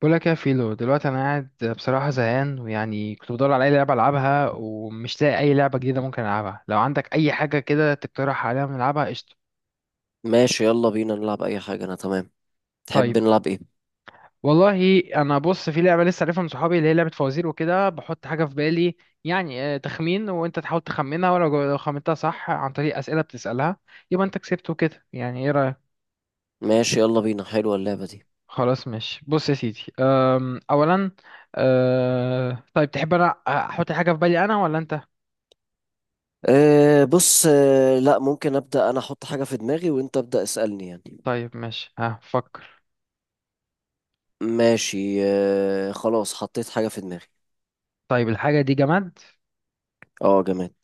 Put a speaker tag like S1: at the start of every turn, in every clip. S1: بقول لك يا فيلو، دلوقتي انا قاعد بصراحه زهقان، ويعني كنت بدور على اي لعبه العبها ومش لاقي اي لعبه جديده ممكن العبها. لو عندك اي حاجه كده تقترح عليها نلعبها قشطه.
S2: ماشي، يلا بينا نلعب اي حاجة، انا تمام.
S1: طيب،
S2: تحب نلعب ايه؟
S1: والله انا بص، في لعبه لسه عارفها من صحابي، اللي هي لعبه فوازير، وكده بحط حاجه في بالي يعني تخمين، وانت تحاول تخمنها، ولو لو خمنتها صح عن طريق اسئله بتسالها يبقى انت كسبت وكده، يعني ايه رايك؟
S2: ماشي، يلا بينا، حلوة اللعبة دي.
S1: خلاص ماشي، بص يا سيدي، اولا طيب، تحب انا احط حاجه في بالي انا ولا انت؟
S2: أه، بص. لا، ممكن ابدأ انا احط حاجة في دماغي، وانت ابدأ اسألني يعني.
S1: طيب ماشي، ها فكر.
S2: ماشي، أه خلاص حطيت حاجة في دماغي.
S1: طيب الحاجة دي جماد،
S2: اه، جماد.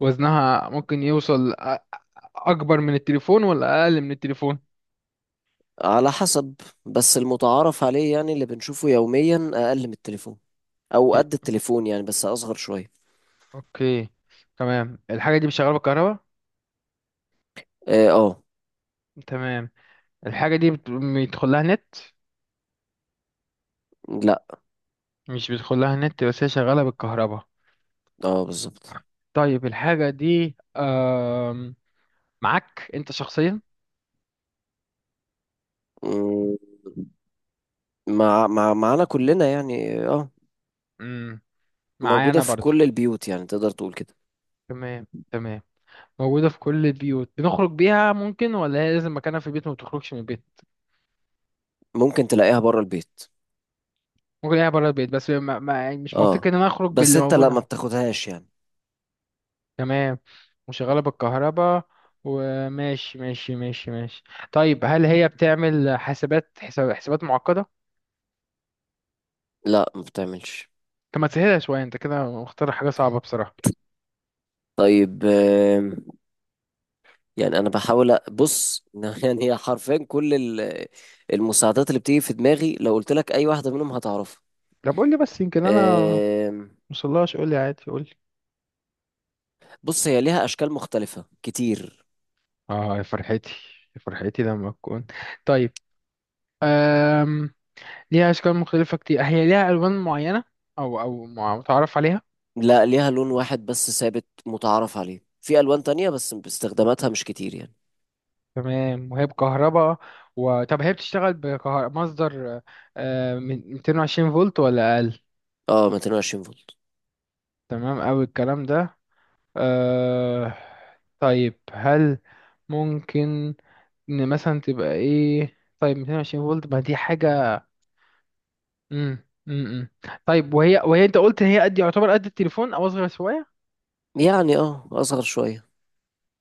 S1: وزنها ممكن يوصل أكبر من التليفون ولا أقل من التليفون؟
S2: على حسب. بس المتعارف عليه يعني اللي بنشوفه يوميا اقل من التليفون. او قد التليفون يعني، بس اصغر شوية.
S1: أوكي، تمام. الحاجة دي شغالة بالكهرباء؟
S2: اه.
S1: تمام. الحاجة دي بيدخل لها نت؟
S2: لا.
S1: مش بيدخل لها نت بس هي شغالة بالكهرباء.
S2: اه، بالظبط.
S1: طيب الحاجة دي معاك أنت شخصيا؟
S2: مم، مع مع معانا كلنا يعني اه.
S1: مم. معايا
S2: موجودة
S1: أنا
S2: في
S1: برضو.
S2: كل البيوت، يعني تقدر تقول كده.
S1: تمام تمام. موجودة في كل البيوت، بنخرج بيها ممكن ولا هي لازم مكانها في البيت وما بتخرجش من البيت؟
S2: ممكن تلاقيها بره البيت.
S1: ممكن الاقيها بره البيت، بس ما يعني مش
S2: اه،
S1: منطقي ان انا اخرج
S2: بس
S1: باللي
S2: انت
S1: موجود.
S2: لا، ما بتاخدهاش يعني.
S1: تمام. وشغالة بالكهرباء، وماشي ماشي ماشي ماشي. طيب، هل هي بتعمل حسابات حسابات معقدة؟
S2: لا، ما بتعملش.
S1: طب ما تسهلها شوية، انت كده مختار حاجة صعبة بصراحة.
S2: طيب، يعني انا بحاول بص، يعني هي حرفيا كل المساعدات اللي بتيجي في دماغي، لو قلت لك اي واحده منهم هتعرفها.
S1: طب قول لي بس يمكن انا
S2: آم،
S1: مصلاش، قول لي عادي، قول لي.
S2: بص، هي ليها اشكال مختلفه كتير.
S1: اه، يا فرحتي يا فرحتي لما تكون. طيب أم... ليها أشكال مختلفة كتير، هي ليها ألوان معينة أو متعرف عليها؟
S2: لا، ليها لون واحد بس ثابت متعارف عليه، في الوان تانية بس استخداماتها مش كتير يعني.
S1: تمام. وهي بكهرباء طب هي بتشتغل بكهرباء مصدر من 220 فولت ولا أقل؟
S2: اه، 220 فولت.
S1: تمام أوي الكلام ده. أه. طيب هل ممكن إن مثلا تبقى إيه؟ طيب 220 فولت، ما دي حاجة. مم. مم. مم. طيب، وهي أنت قلت إن هي قد يعتبر قد التليفون أو أصغر شوية.
S2: يعني اه اصغر شويه.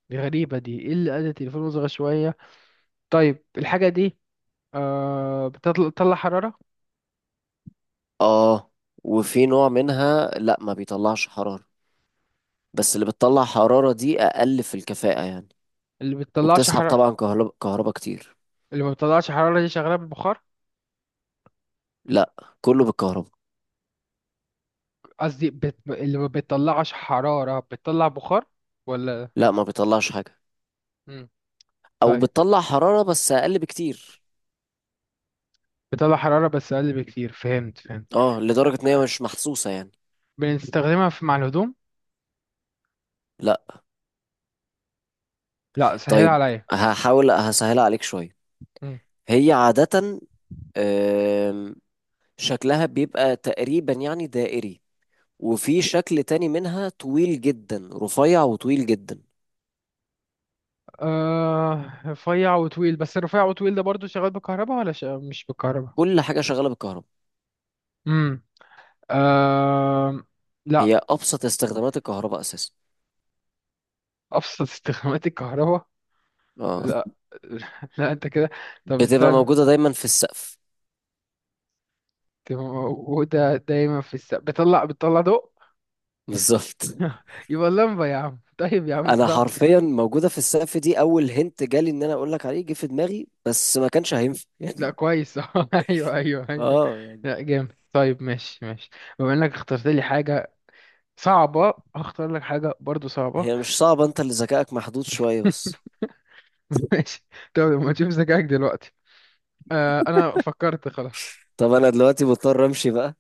S1: دي غريبة، دي إيه اللي قد التليفون وأصغر شوية؟ طيب الحاجة دي بتطلع حرارة؟
S2: اه، وفي نوع منها لا ما بيطلعش حرارة. بس اللي بتطلع حرارة دي أقل في الكفاءة يعني.
S1: اللي بتطلعش
S2: وبتسحب
S1: حرارة؟
S2: طبعا كهرباء كتير.
S1: اللي ما بتطلعش حرارة دي شغالة بالبخار؟
S2: لا، كله بالكهرباء.
S1: قصدي اللي ما بتطلعش حرارة بتطلع بخار ولا؟
S2: لا، ما بيطلعش حاجة.
S1: مم.
S2: أو
S1: طيب،
S2: بتطلع حرارة بس أقل بكتير.
S1: بتطلع حرارة بس أقل بكتير، فهمت فهمت.
S2: اه، لدرجة إن هي مش محسوسة يعني.
S1: بنستخدمها مع الهدوم؟
S2: لا.
S1: لا سهل
S2: طيب،
S1: عليا.
S2: هحاول هسهلها عليك شوية.
S1: مم.
S2: هي عادة، آم، شكلها بيبقى تقريبا يعني دائري. وفي شكل تاني منها طويل جدا، رفيع وطويل جدا.
S1: آه، رفيع وطويل، بس الرفيع وطويل ده برضو شغال بالكهرباء ولا مش بالكهرباء؟
S2: كل حاجة شغالة بالكهرباء.
S1: امم. آه. لا،
S2: هي ابسط استخدامات الكهرباء اساسا.
S1: أبسط استخدامات الكهرباء؟
S2: اه،
S1: لا لا، أنت كده؟ طب
S2: بتبقى
S1: استنى،
S2: موجوده دايما في السقف.
S1: دي موجودة دايما بتطلع ضوء؟
S2: بالظبط.
S1: يبقى اللمبة يا عم، طيب يا عم أنت
S2: انا
S1: صح.
S2: حرفيا موجوده في السقف، دي اول هنت جالي ان انا اقول لك عليه، جه في دماغي بس ما كانش هينفع
S1: لا
S2: يعني.
S1: كويس أيوه أيوه أيوه.
S2: اه يعني.
S1: لا جامد. طيب ماشي ماشي. بما إنك اخترت لي حاجة صعبة، هختار لك حاجة برضو صعبة
S2: هي مش صعبه، انت اللي ذكائك محدود شويه بس.
S1: ماشي. طب ما تشوف ذكائك دلوقتي. آه، أنا فكرت خلاص.
S2: طب انا دلوقتي مضطر امشي بقى.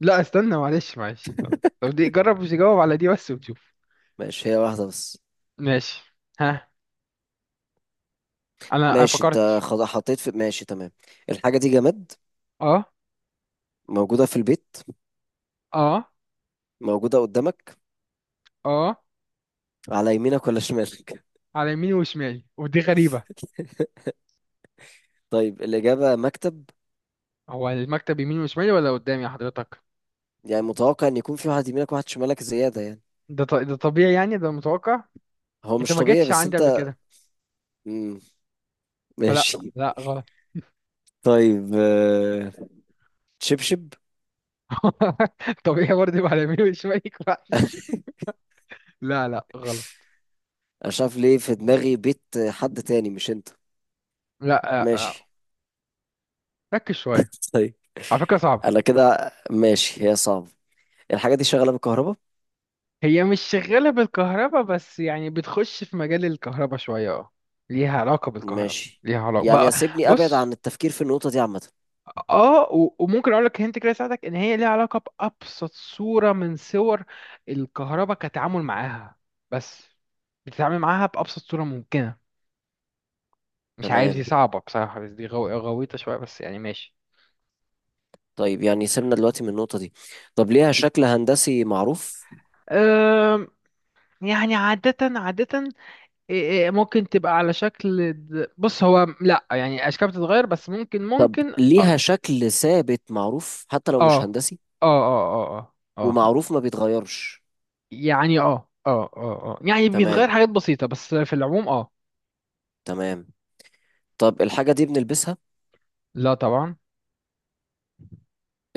S1: لا استنى، معلش معلش، طب دي جرب، مش تجاوب على دي بس وتشوف.
S2: ماشي، هي واحده بس.
S1: ماشي، ها. أنا
S2: ماشي، انت
S1: فكرت.
S2: خلاص حطيت في، ماشي تمام. الحاجه دي جماد.
S1: أه.
S2: موجوده في البيت.
S1: أه.
S2: موجوده قدامك.
S1: أه.
S2: على يمينك ولا شمالك؟
S1: على يميني وشمالي، ودي غريبة.
S2: طيب، الاجابه مكتب.
S1: هو المكتب يميني وشمالي ولا قدامي يا حضرتك؟
S2: يعني متوقع ان يكون في واحد يمينك وواحد شمالك زيادة يعني.
S1: ده طبيعي يعني، ده متوقع.
S2: هو
S1: أنت
S2: مش
S1: ما
S2: طبيعي
S1: جيتش
S2: بس
S1: عندي قبل
S2: انت.
S1: كده،
S2: مم.
S1: فلا
S2: ماشي.
S1: لا، غلط.
S2: طيب، شبشب.
S1: طبيعي برضه يبقى على يميني وشمالي كويس. لا لا غلط.
S2: انا مش عارف ليه في دماغي بيت. حد تاني مش انت.
S1: لا، آه، آه،
S2: ماشي.
S1: ركز شوية،
S2: طيب.
S1: على فكرة صعبة.
S2: انا كده ماشي، هي صعبة. الحاجة دي شغالة بالكهرباء.
S1: هي مش شغالة بالكهرباء بس يعني بتخش في مجال الكهرباء شوية، اه. ليها علاقة بالكهرباء.
S2: ماشي.
S1: ليها علاقة بقى.
S2: يعني سيبني ابعد
S1: بص،
S2: عن التفكير في النقطة دي عامة.
S1: اه وممكن اقول لك هنت كده يساعدك، ان هي ليها علاقة بأبسط صورة من صور الكهرباء كتعامل معاها. بس بتتعامل معاها بأبسط صورة ممكنة. مش عارف، دي
S2: تمام.
S1: صعبة بصراحة بس دي غويطة شوية، بس يعني ماشي.
S2: طيب يعني سيبنا دلوقتي من النقطة دي. طب ليها شكل هندسي معروف؟
S1: أم... يعني عادة عادة. إيه، ممكن تبقى على شكل بص هو لا، يعني اشكال بتتغير، بس ممكن
S2: طب
S1: ممكن اه.
S2: ليها شكل ثابت معروف حتى لو مش
S1: اه
S2: هندسي؟
S1: اه اه اه اه
S2: ومعروف ما بيتغيرش.
S1: يعني اه اه اه اه، يعني بيتغير
S2: تمام،
S1: حاجات بسيطة بس في العموم اه.
S2: تمام. طب الحاجة دي بنلبسها؟
S1: لا طبعا.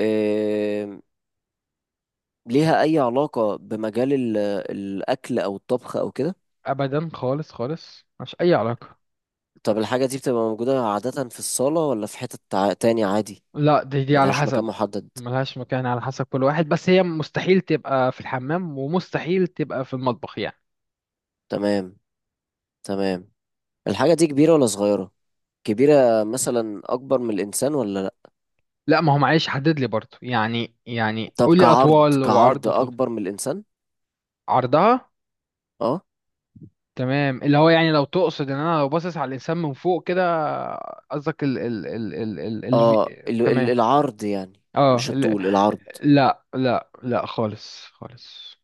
S2: إيه... ليها أي علاقة بمجال الأكل أو الطبخ أو كده؟
S1: ابدا خالص خالص، مش اي علاقة.
S2: طب الحاجة دي بتبقى موجودة عادة في الصالة ولا في حتة تاني عادي؟
S1: لا، دي على
S2: ملهاش مكان
S1: حسب.
S2: محدد.
S1: ملهاش مكان، على حسب كل واحد، بس هي مستحيل تبقى في الحمام ومستحيل تبقى في المطبخ يعني.
S2: تمام، تمام. الحاجة دي كبيرة ولا صغيرة؟ كبيرة مثلا أكبر من الإنسان ولا لأ؟
S1: لا ما هو معلش، حدد لي برضو يعني
S2: طب
S1: قول لي
S2: كعرض
S1: اطوال، وعرض
S2: كعرض
S1: وطول.
S2: أكبر من الإنسان؟
S1: عرضها.
S2: أه.
S1: تمام، اللي هو يعني لو تقصد ان انا لو باصص على الانسان من فوق كده، قصدك
S2: أه،
S1: تمام.
S2: العرض يعني.
S1: اه
S2: مش الطول، العرض.
S1: لا لا لا، خالص خالص.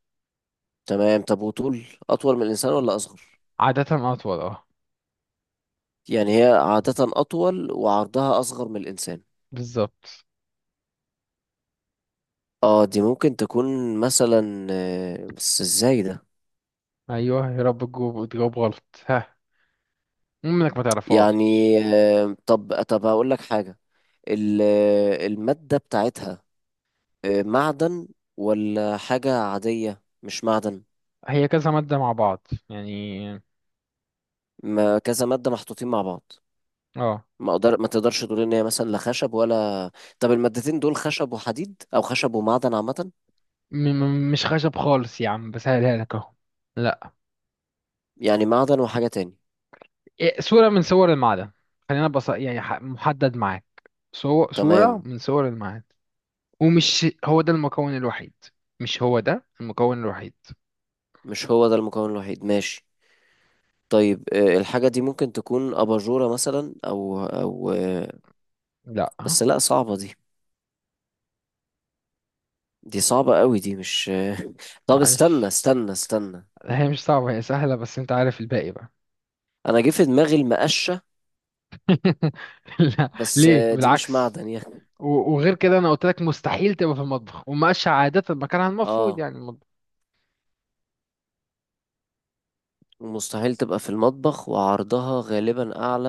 S2: تمام. طب وطول، أطول من الإنسان ولا أصغر؟
S1: عادة اطول اه.
S2: يعني هي عادة أطول وعرضها أصغر من الإنسان.
S1: بالظبط.
S2: اه، دي ممكن تكون مثلا، بس ازاي ده؟
S1: ايوه يا رب، تجاوب تجاوب غلط، ها منك ما تعرفهاش.
S2: يعني. طب طب هقول لك حاجة. المادة بتاعتها، معدن ولا حاجة عادية مش معدن؟
S1: هي كذا مادة مع بعض يعني.
S2: ما كذا مادة محطوطين مع بعض.
S1: اه.
S2: ما أقدر ما تقدرش تقول ان هي مثلا لا خشب ولا. طب المادتين دول خشب وحديد او خشب ومعدن عامة؟
S1: م م مش خشب خالص يا عم، بسهلها لك اهو. لا.
S2: يعني معدن وحاجة تاني؟
S1: إيه، صورة من صور المعدن. خلينا بص يعني، محدد معاك، صورة
S2: تمام.
S1: من صور المعدن. ومش هو ده المكون الوحيد. مش هو ده المكون الوحيد.
S2: مش هو ده المكون الوحيد، ماشي. طيب، الحاجة دي ممكن تكون أباجورة مثلا أو
S1: لا.
S2: بس لأ، صعبة دي. دي صعبة قوي، دي مش طب، استنى
S1: معلش،
S2: استنى استنى.
S1: هي مش صعبة، هي سهلة بس انت عارف الباقي بقى.
S2: أنا جه في دماغي المقشة.
S1: لا
S2: بس
S1: ليه،
S2: دي مش
S1: بالعكس.
S2: معدن يعني.
S1: وغير كده انا قلت لك مستحيل تبقى في المطبخ، ومقاش عادة مكانها المفروض
S2: اه.
S1: يعني المطبخ.
S2: ومستحيل تبقى في المطبخ، وعرضها غالبا أعلى.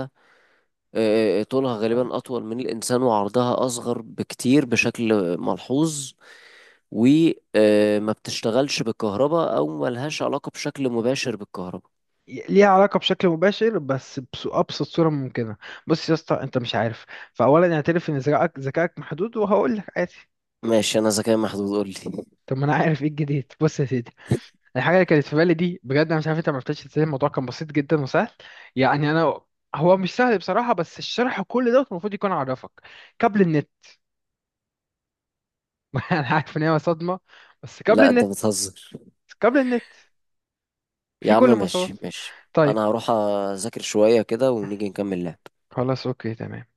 S2: طولها غالبا أطول من الإنسان، وعرضها أصغر بكتير بشكل ملحوظ. وما بتشتغلش بالكهرباء أو ملهاش علاقة بشكل مباشر بالكهرباء.
S1: ليها علاقة بشكل مباشر بس بأبسط صورة ممكنة. بص يا اسطى، انت مش عارف، فأولا اعترف ان ذكائك ذكائك محدود، وهقول لك عادي.
S2: ماشي، أنا ذكاء محدود، قولي.
S1: طب ما انا عارف ايه الجديد. بص يا سيدي، الحاجه اللي كانت في بالي دي بجد انا مش عارف انت ما عرفتش ازاي. الموضوع كان بسيط جدا وسهل، يعني انا هو مش سهل بصراحه بس الشرح كل ده المفروض يكون عرفك. كابل النت. انا عارف ان هي صدمه، بس كابل
S2: لا، انت
S1: النت.
S2: بتهزر.
S1: كابل النت
S2: يا
S1: في
S2: عم
S1: كل المسارات.
S2: ماشي ماشي.
S1: طيب
S2: انا هروح اذاكر شوية كده ونيجي نكمل لعب.
S1: خلاص، اوكي تمام.